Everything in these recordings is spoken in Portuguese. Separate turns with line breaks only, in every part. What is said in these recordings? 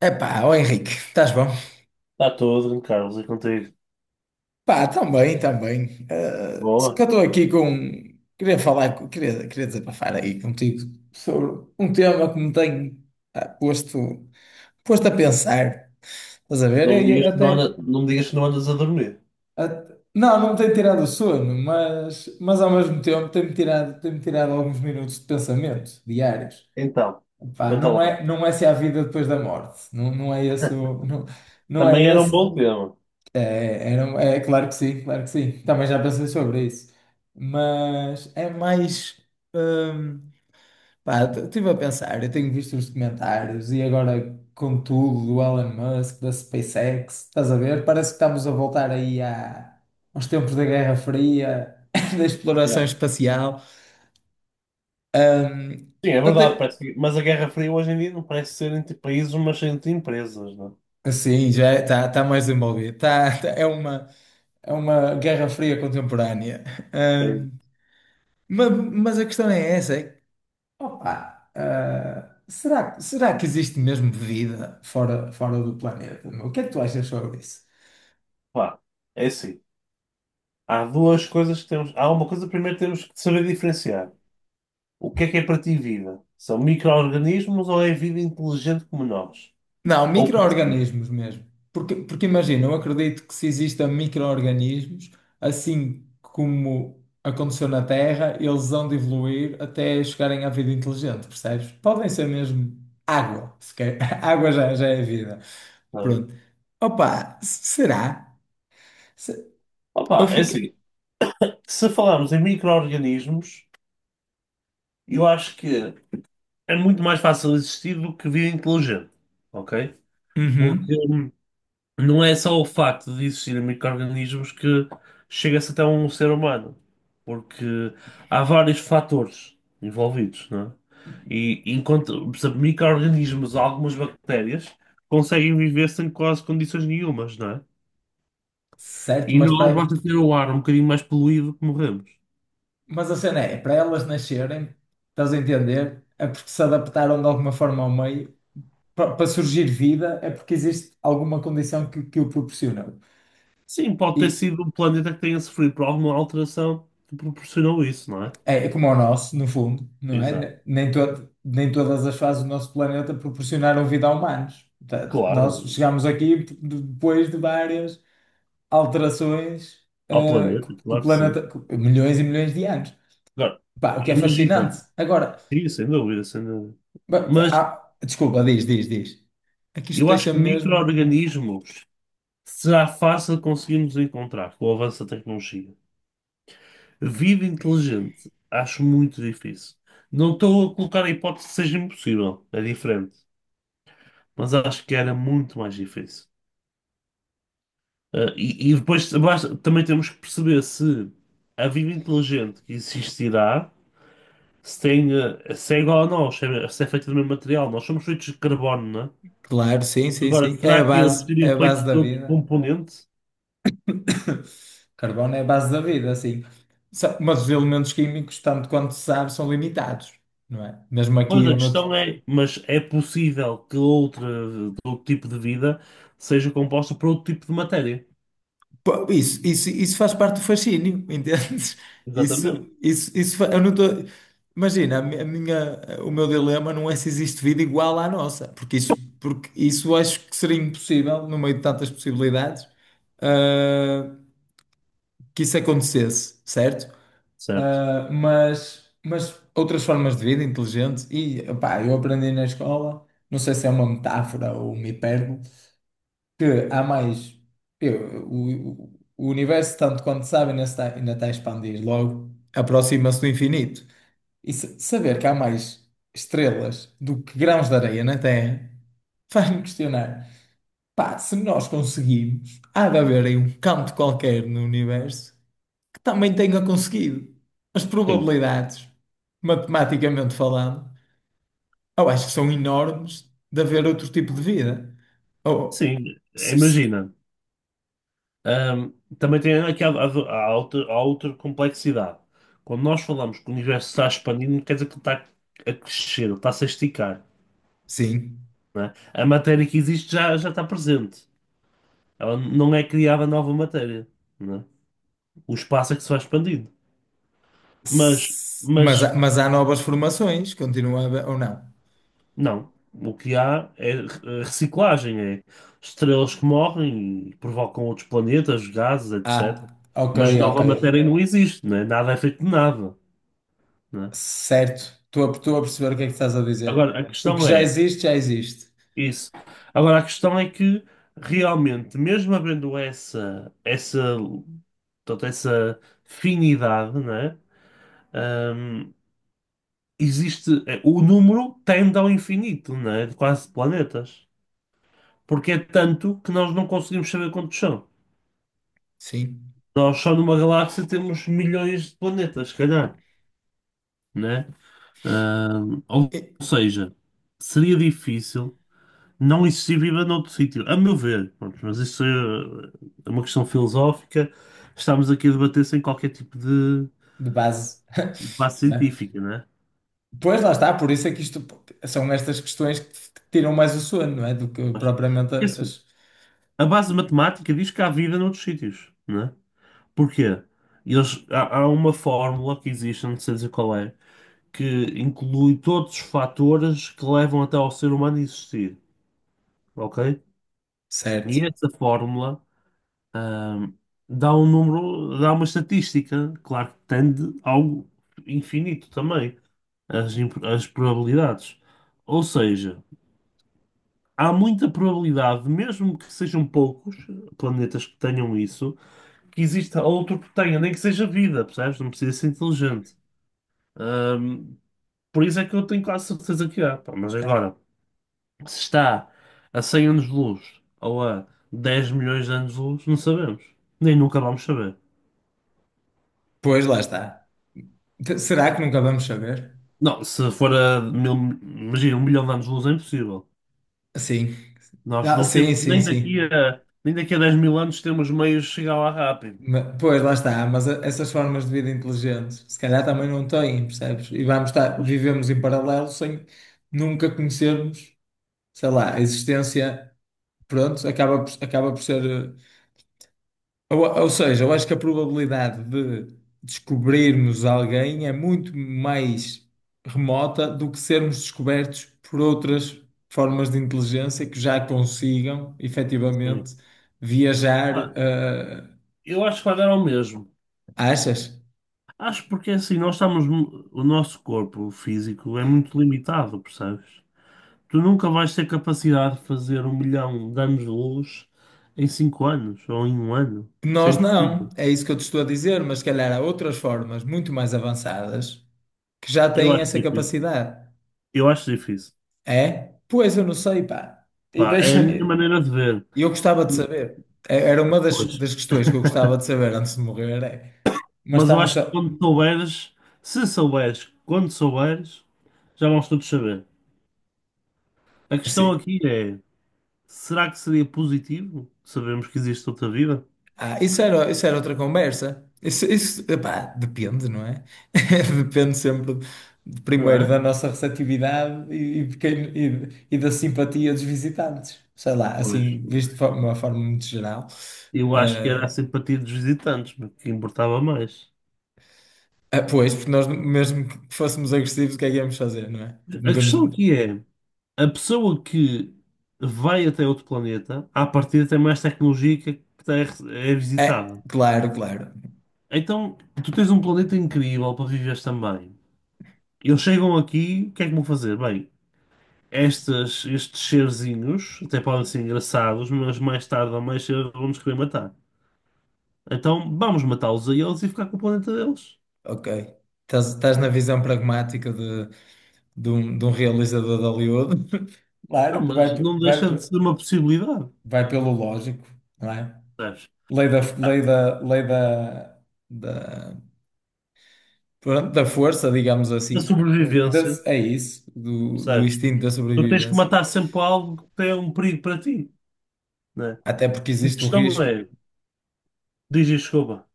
Epá, ó Henrique, estás bom?
Está tudo, Carlos, e contigo?
Pá, também, também. Eh, se que
Boa.
eu estou aqui com. Queria falar, com- queria, queria desabafar aí contigo sobre um tema que me tem ah, posto, posto a pensar. Estás a ver?
Não me digas que não me digas que não andas a dormir.
Não, não me tem tirado o sono, mas ao mesmo tempo tem-me tirado alguns minutos de pensamento diários.
Então,
Pá,
conta lá.
não é se há vida depois da morte. Não, não é não é
Também era um
esse.
bom tema.
É, era, um, é claro que sim, claro que sim. Também já pensei sobre isso. Mas é mais. hum, pá, estive a pensar, eu tenho visto os documentários e agora com tudo do Elon Musk, da SpaceX, estás a ver? Parece que estamos a voltar aos tempos da Guerra Fria, da exploração
Yeah.
espacial. Hum,
Sim, é verdade,
até,
mas a Guerra Fria hoje em dia não parece ser entre países, mas entre empresas, não
sim, já está mais envolvido. É uma Guerra Fria contemporânea.
é? É,
Hum, ma- mas, a questão é essa. É Opa, ah, será que existe mesmo vida fora do planeta? Meu? O que é que tu achas sobre isso?
pá, é assim. Há duas coisas que temos. Há uma coisa, primeiro temos que saber diferenciar. O que é para ti vida? São micro-organismos ou é vida inteligente como nós?
Não,
Ou parecido,
micro-organismos mesmo. Porque imagina, eu acredito que se existam micro-organismos, assim como aconteceu na Terra, eles vão de evoluir até chegarem à vida inteligente, percebes? Podem ser mesmo água, se quer. Água já é vida.
não é?
Pronto. Será? Se- Eu
Opa, é
fiquei.
assim. Se falarmos em micro-organismos, eu acho que. É muito mais fácil existir do que vida inteligente, ok? Porque
Uhum.
não é só o facto de existirem micro-organismos que chega-se até um ser humano, porque há vários fatores envolvidos, não é? E enquanto, por exemplo, micro-organismos, algumas bactérias, conseguem viver sem quase condições nenhumas, não é?
Certo,
E
mas
nós
para.
basta ter o ar um bocadinho mais poluído que morremos.
Mas a cena é, é para elas nascerem, estás a entender? É porque se adaptaram de alguma forma ao meio. Para surgir vida é porque existe alguma condição que o proporcionou.
Sim, pode ter
E
sido um planeta que tenha sofrido por alguma alteração que proporcionou isso, não é?
é, é como o nosso, no fundo, não é?
Exato.
Nem todas as fases do nosso planeta proporcionaram vida a humanos. Portanto,
Claro,
nós chegámos aqui depois de várias alterações,
ao planeta,
que o
claro que sim.
planeta, que- milhões e milhões de anos.
Agora,
Pá, o que é
imagina,
fascinante. Agora.
sim, sem dúvida, sem dúvida. Mas
Desculpa, diz, diz. Aqui isto
eu acho
deixa
que
mesmo.
micro-organismos será fácil conseguirmos encontrar com o avanço da tecnologia. Vida inteligente, acho muito difícil. Não estou a colocar a hipótese que seja impossível, é diferente. Mas acho que era muito mais difícil. E também temos que perceber se a vida inteligente que existirá. Se tem, se é igual a nós, se é feito do mesmo material, nós somos feitos de carbono, não é?
Claro, sim, sim,
Agora,
sim.
será que eles
É a
seriam feitos
base da
de outro
vida.
componente?
Carbono é a base da vida, sim. Mas os elementos químicos, tanto quanto se sabe, são limitados, não é? Mesmo
Pois
aqui
a
ou noutro
questão é, mas é possível outro tipo de vida seja composta por outro tipo de matéria.
Pô, isso faz parte do fascínio, entendes?
Exatamente.
Isso, fa- eu não tô... Imagina, a minha, o meu dilema não é se existe vida igual à nossa, porque isso acho que seria impossível, no meio de tantas possibilidades, ah, que isso acontecesse, certo?
Certo.
Ah, mas outras formas de vida inteligente, e opá, eu aprendi na escola, não sei se é uma metáfora ou uma hipérbole, que há mais. O universo, tanto quanto sabe, ainda está a expandir, logo aproxima-se do infinito. E saber que há mais estrelas do que grãos de areia na Terra faz-me questionar. Pá, se nós conseguimos, há de haver aí um canto qualquer no universo que também tenha conseguido. As
Sim.
probabilidades, matematicamente falando, eu acho que são enormes de haver outro tipo de vida. Ou,
Sim,
s- s-
imagina. Ahm, também tem aqui há outra complexidade. Quando nós falamos que o universo está expandindo, não quer dizer que ele está a crescer, ele está a se esticar.
sim.
Né? A matéria que existe já está presente. Ela não é criada nova matéria, né? O espaço é que se vai expandindo. Mas, mas
Mas há novas formações, continua a haver, ou não?
não. O que há é reciclagem, é estrelas que morrem e provocam outros planetas, gases,
Ah,
etc.
ok,
Mas
ok.
nova matéria não existe, né? Nada é feito de nada, né?
Certo. Estou a perceber o que é que estás a dizer.
Agora, a
O que
questão
já
é
existe, já existe.
isso. Agora, a questão é que realmente, mesmo havendo toda essa finidade, né? Ahm, existe, o número tende ao infinito, não é? De quase planetas. Porque é tanto que nós não conseguimos saber quantos são.
Sim.
Nós só numa galáxia temos milhões de planetas, se calhar, né? Ou
E-
seja, seria difícil não existir vida noutro sítio, a meu ver. Pronto, mas é uma questão filosófica. Estamos aqui a debater sem qualquer tipo
De base.
de base
Né?
científica, né?
Pois lá está, por isso é que isto são estas questões que te tiram mais o sono, não é? Do que
Mas,
propriamente
porque assim,
as.
a base matemática diz que há vida noutros sítios, não é? Porquê? Há uma fórmula que existe, não sei dizer qual é, que inclui todos os fatores que levam até ao ser humano existir, ok? E
Certo.
essa fórmula, ahm, dá um número, dá uma estatística, claro que tende ao infinito também, as probabilidades. Ou seja, há muita probabilidade, mesmo que sejam poucos planetas que tenham isso, que exista outro que tenha, nem que seja vida, percebes? Não precisa ser inteligente. Ahm, por isso é que eu tenho quase certeza que há. Pá. Mas agora, se está a 100 anos de luz ou a 10 milhões de anos de luz, não sabemos. Nem nunca vamos saber.
Pois lá está. Será que nunca vamos saber?
Não, se for a mil, imagina, 1 milhão de anos de luz é impossível.
Sim.
Nós
Ah,
não temos,
sim, sim, sim.
nem daqui a 10 mil anos temos meios de chegar lá rápido.
Pois, lá está, essas formas de vida inteligentes, se calhar também não têm, percebes? E vamos estar, vivemos em paralelo sem nunca conhecermos, sei lá, a existência, pronto, acaba por ser. Ou seja, eu acho que a probabilidade de descobrirmos alguém é muito mais remota do que sermos descobertos por outras formas de inteligência que já consigam, efetivamente,
Sim.
viajar.
Ah, eu acho que vai dar ao mesmo.
Achas?
Acho porque assim, o nosso corpo físico é muito limitado, percebes? Tu nunca vais ter capacidade de fazer 1 milhão de anos de luz em 5 anos ou em um ano. Isso é
Nós não,
impossível.
é isso que eu te estou a dizer, mas se calhar há outras formas muito mais avançadas que já
Eu
têm
acho
essa
difícil.
capacidade.
Eu acho difícil.
É? Pois eu não sei, pá. E
Pá, é a
deixa...
minha
e
maneira de ver.
eu gostava de saber. Era uma
Pois.
das questões que eu gostava de saber antes de morrer. É. Mas
Mas eu
estamos
acho que
só.
quando souberes, se souberes, quando souberes, já vamos todos saber. A questão
Sim.
aqui é, será que seria positivo? Sabemos que existe outra vida?
Ah, isso era outra conversa. Isso, epá, depende, não é? Depende sempre,
Não
primeiro,
é?
da nossa receptividade e de e da simpatia dos visitantes. Sei lá,
Pois.
assim, visto de uma forma muito geral.
Eu acho que era a
Ah,
simpatia dos visitantes que importava mais.
ah, pois, porque nós, mesmo que fôssemos agressivos, o que é que íamos fazer, não é? Tipo, não
A
temos...
questão aqui é, a pessoa que vai até outro planeta, à partida tem mais tecnologia que é
É,
visitada.
claro, claro.
Então, tu tens um planeta incrível para viveres também. Eles chegam aqui, o que é que vão fazer? Bem, estes serzinhos até podem ser engraçados, mas mais tarde ou mais cedo vão-nos querer matar. Então, vamos matá-los a eles e ficar com o planeta deles.
Ok. Estás, estás na visão pragmática de, de um realizador de Hollywood.
Não,
Claro que vai,
mas não
vai.
deixa de ser uma possibilidade.
vai pelo lógico, não é?
Percebes?
Lei da, lei da, lei da, da, pronto, da força, digamos
Da
assim.
sobrevivência,
É isso, do, do
percebes?
instinto da
Tu tens que
sobrevivência.
matar sempre algo que tem um perigo para ti, né?
Até porque
A questão é, diz e desculpa.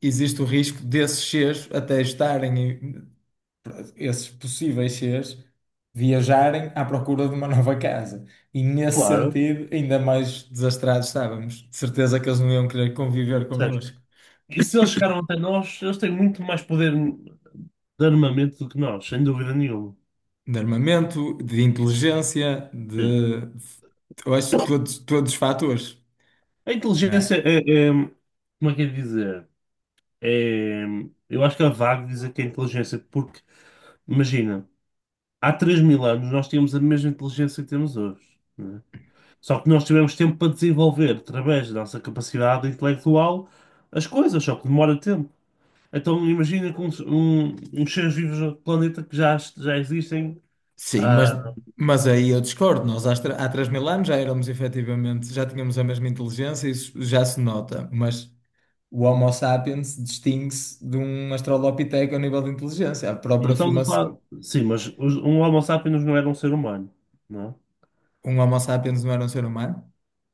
existe o risco desses seres até esses possíveis seres, viajarem à procura de uma nova casa. E nesse
Claro,
sentido, ainda mais desastrados estávamos. De certeza que eles não iam querer conviver
percebes?
connosco.
E se eles chegaram até nós, eles têm muito mais poder de armamento do que nós, sem dúvida nenhuma.
De armamento, de inteligência,
Sim.
de. Eu acho que todos, todos os fatores,
A
não
inteligência
é?
é, é- como é que é de dizer? É, eu acho que é vago dizer que é inteligência, porque, imagina, há 3 mil anos nós tínhamos a mesma inteligência que temos hoje. Só que nós tivemos tempo para desenvolver, através da nossa capacidade intelectual, as coisas, só que demora tempo. Então imagina com uns seres vivos do planeta já existem.
Sim,
ah,
mas aí eu discordo. Há 3 mil anos já éramos efetivamente, já tínhamos a mesma inteligência, isso já se nota, mas o Homo sapiens distingue-se de um Australopiteco a nível de inteligência. A
não
própria
estamos a
formação.
falar. Sim, mas um Homo sapiens não era um ser humano, não é?
Um Homo sapiens não era um ser humano?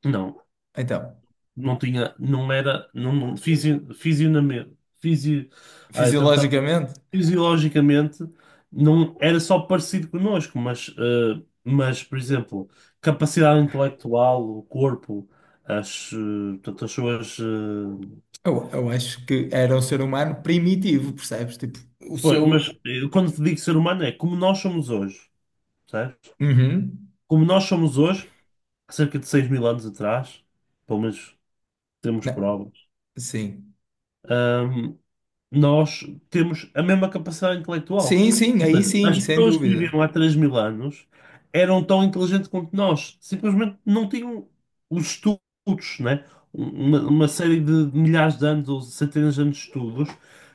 Não,
Então,
não tinha, não era, não, não, fisio, fisionami- fisio, ah,
fisiologicamente,
fisiologicamente não era só parecido connosco, mas, mas por exemplo, capacidade intelectual, o corpo, portanto,
eu acho que era um ser humano primitivo, percebes? Tipo, o
pois,
seu.
mas quando te digo ser humano é como nós somos hoje, certo.
Uhum.
Como nós somos hoje, há cerca de 6 mil anos atrás, pelo menos temos prova.
Sim.
Ahm, nós temos a mesma capacidade intelectual.
Sim, sim,
Ou
aí
seja,
sim,
as
sem
pessoas que
dúvida.
viviam há 3 mil anos eram tão inteligentes quanto nós, simplesmente não tinham os estudos, né? Uma série de milhares de anos ou centenas de anos de estudos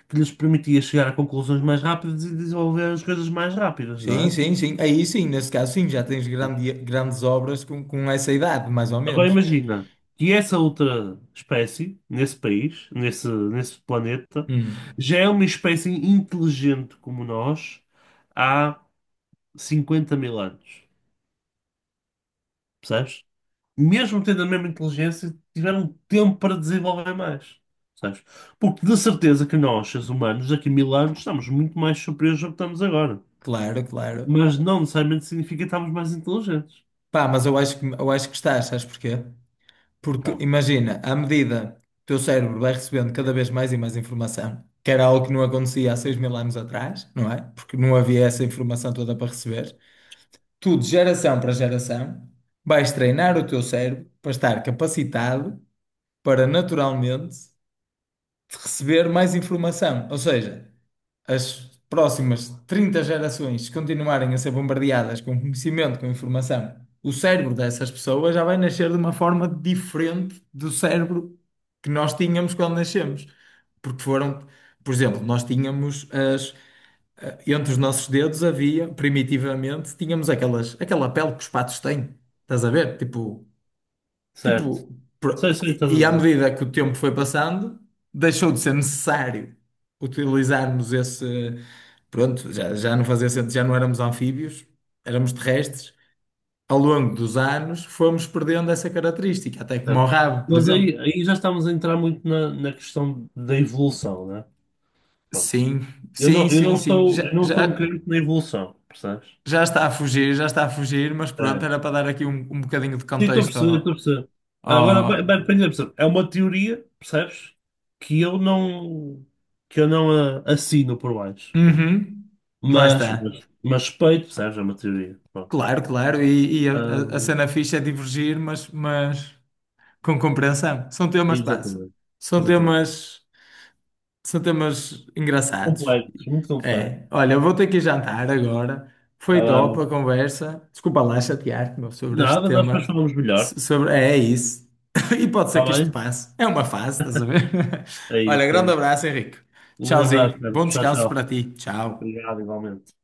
que lhes permitia chegar a conclusões mais rápidas e desenvolver as coisas mais rápidas, não
Sim,
é?
sim, sim. Aí sim, nesse caso sim, já tens grande, grandes obras com essa idade, mais ou
Agora
menos.
imagina que essa outra espécie, nesse planeta,
Hum,
já é uma espécie inteligente como nós há 50 mil anos. Percebes? Mesmo tendo a mesma inteligência, tiveram tempo para desenvolver mais. Percebes? Porque de certeza que nós, seres humanos, daqui a 1000 anos, estamos muito mais superiores ao que estamos agora.
claro, claro.
Mas não necessariamente significa que estamos mais inteligentes.
Pá, mas eu acho eu acho que estás, sabes porquê? Porque
Então,
imagina, à medida que o teu cérebro vai recebendo cada vez mais e mais informação, que era algo que não acontecia há 6 mil anos atrás, não é? Porque não havia essa informação toda para receber. Tu, de geração para geração, vais treinar o teu cérebro para estar capacitado para naturalmente receber mais informação. Ou seja, as próximas 30 gerações que continuarem a ser bombardeadas com conhecimento, com informação, o cérebro dessas pessoas já vai nascer de uma forma diferente do cérebro que nós tínhamos quando nascemos. Porque foram, por exemplo, nós tínhamos as, entre os nossos dedos havia, primitivamente, tínhamos aquelas, aquela pele que os patos têm. Estás a ver?
certo.
Tipo,
Sei, sei o que estás a
e à
dizer.
medida que o tempo foi passando, deixou de ser necessário utilizarmos esse. Pronto, já, já não fazia sentido, já não éramos anfíbios, éramos terrestres. Ao longo dos anos, fomos perdendo essa característica, até como o
Certo.
rabo, por
Mas
exemplo.
aí já estamos a entrar muito na, na questão da evolução, né? Prontos.
Sim, sim, sim, sim. Já,
Eu não
já,
sou um crente na evolução, percebes?
já está a fugir, já está a fugir, mas pronto,
É.
era para dar aqui um, um bocadinho de
Sim, estou a
contexto
perceber, estou a
ao.
perceber. Agora,
Ao...
bem, percebe? É uma teoria, percebes? Que eu não, que eu não assino por baixo. Pronto.
Uhum, lá está.
Mas respeito, percebes? É uma teoria. Pronto.
Claro, claro, e a, a
Ahm,
cena fixa é divergir, mas com compreensão. São temas, pá,
exatamente.
são
Exatamente.
temas, são temas engraçados.
Complexo, muito complexo.
É, olha, eu vou ter que ir jantar agora.
Vai
Foi
lá,
top a
amigo.
conversa. Desculpa lá chatear-te, meu, sobre este
Nada, nós depois
tema.
falamos melhor.
Sobre, é, é isso. E pode ser
Está
que isto
bem?
passe. É uma fase, estás a ver?
É
Olha,
isso, é
grande
isso.
abraço, Henrique.
Um grande abraço,
Tchauzinho.
Carlos.
Bom
Tchau,
descanso para
tchau.
ti. Tchau.
Obrigado, igualmente.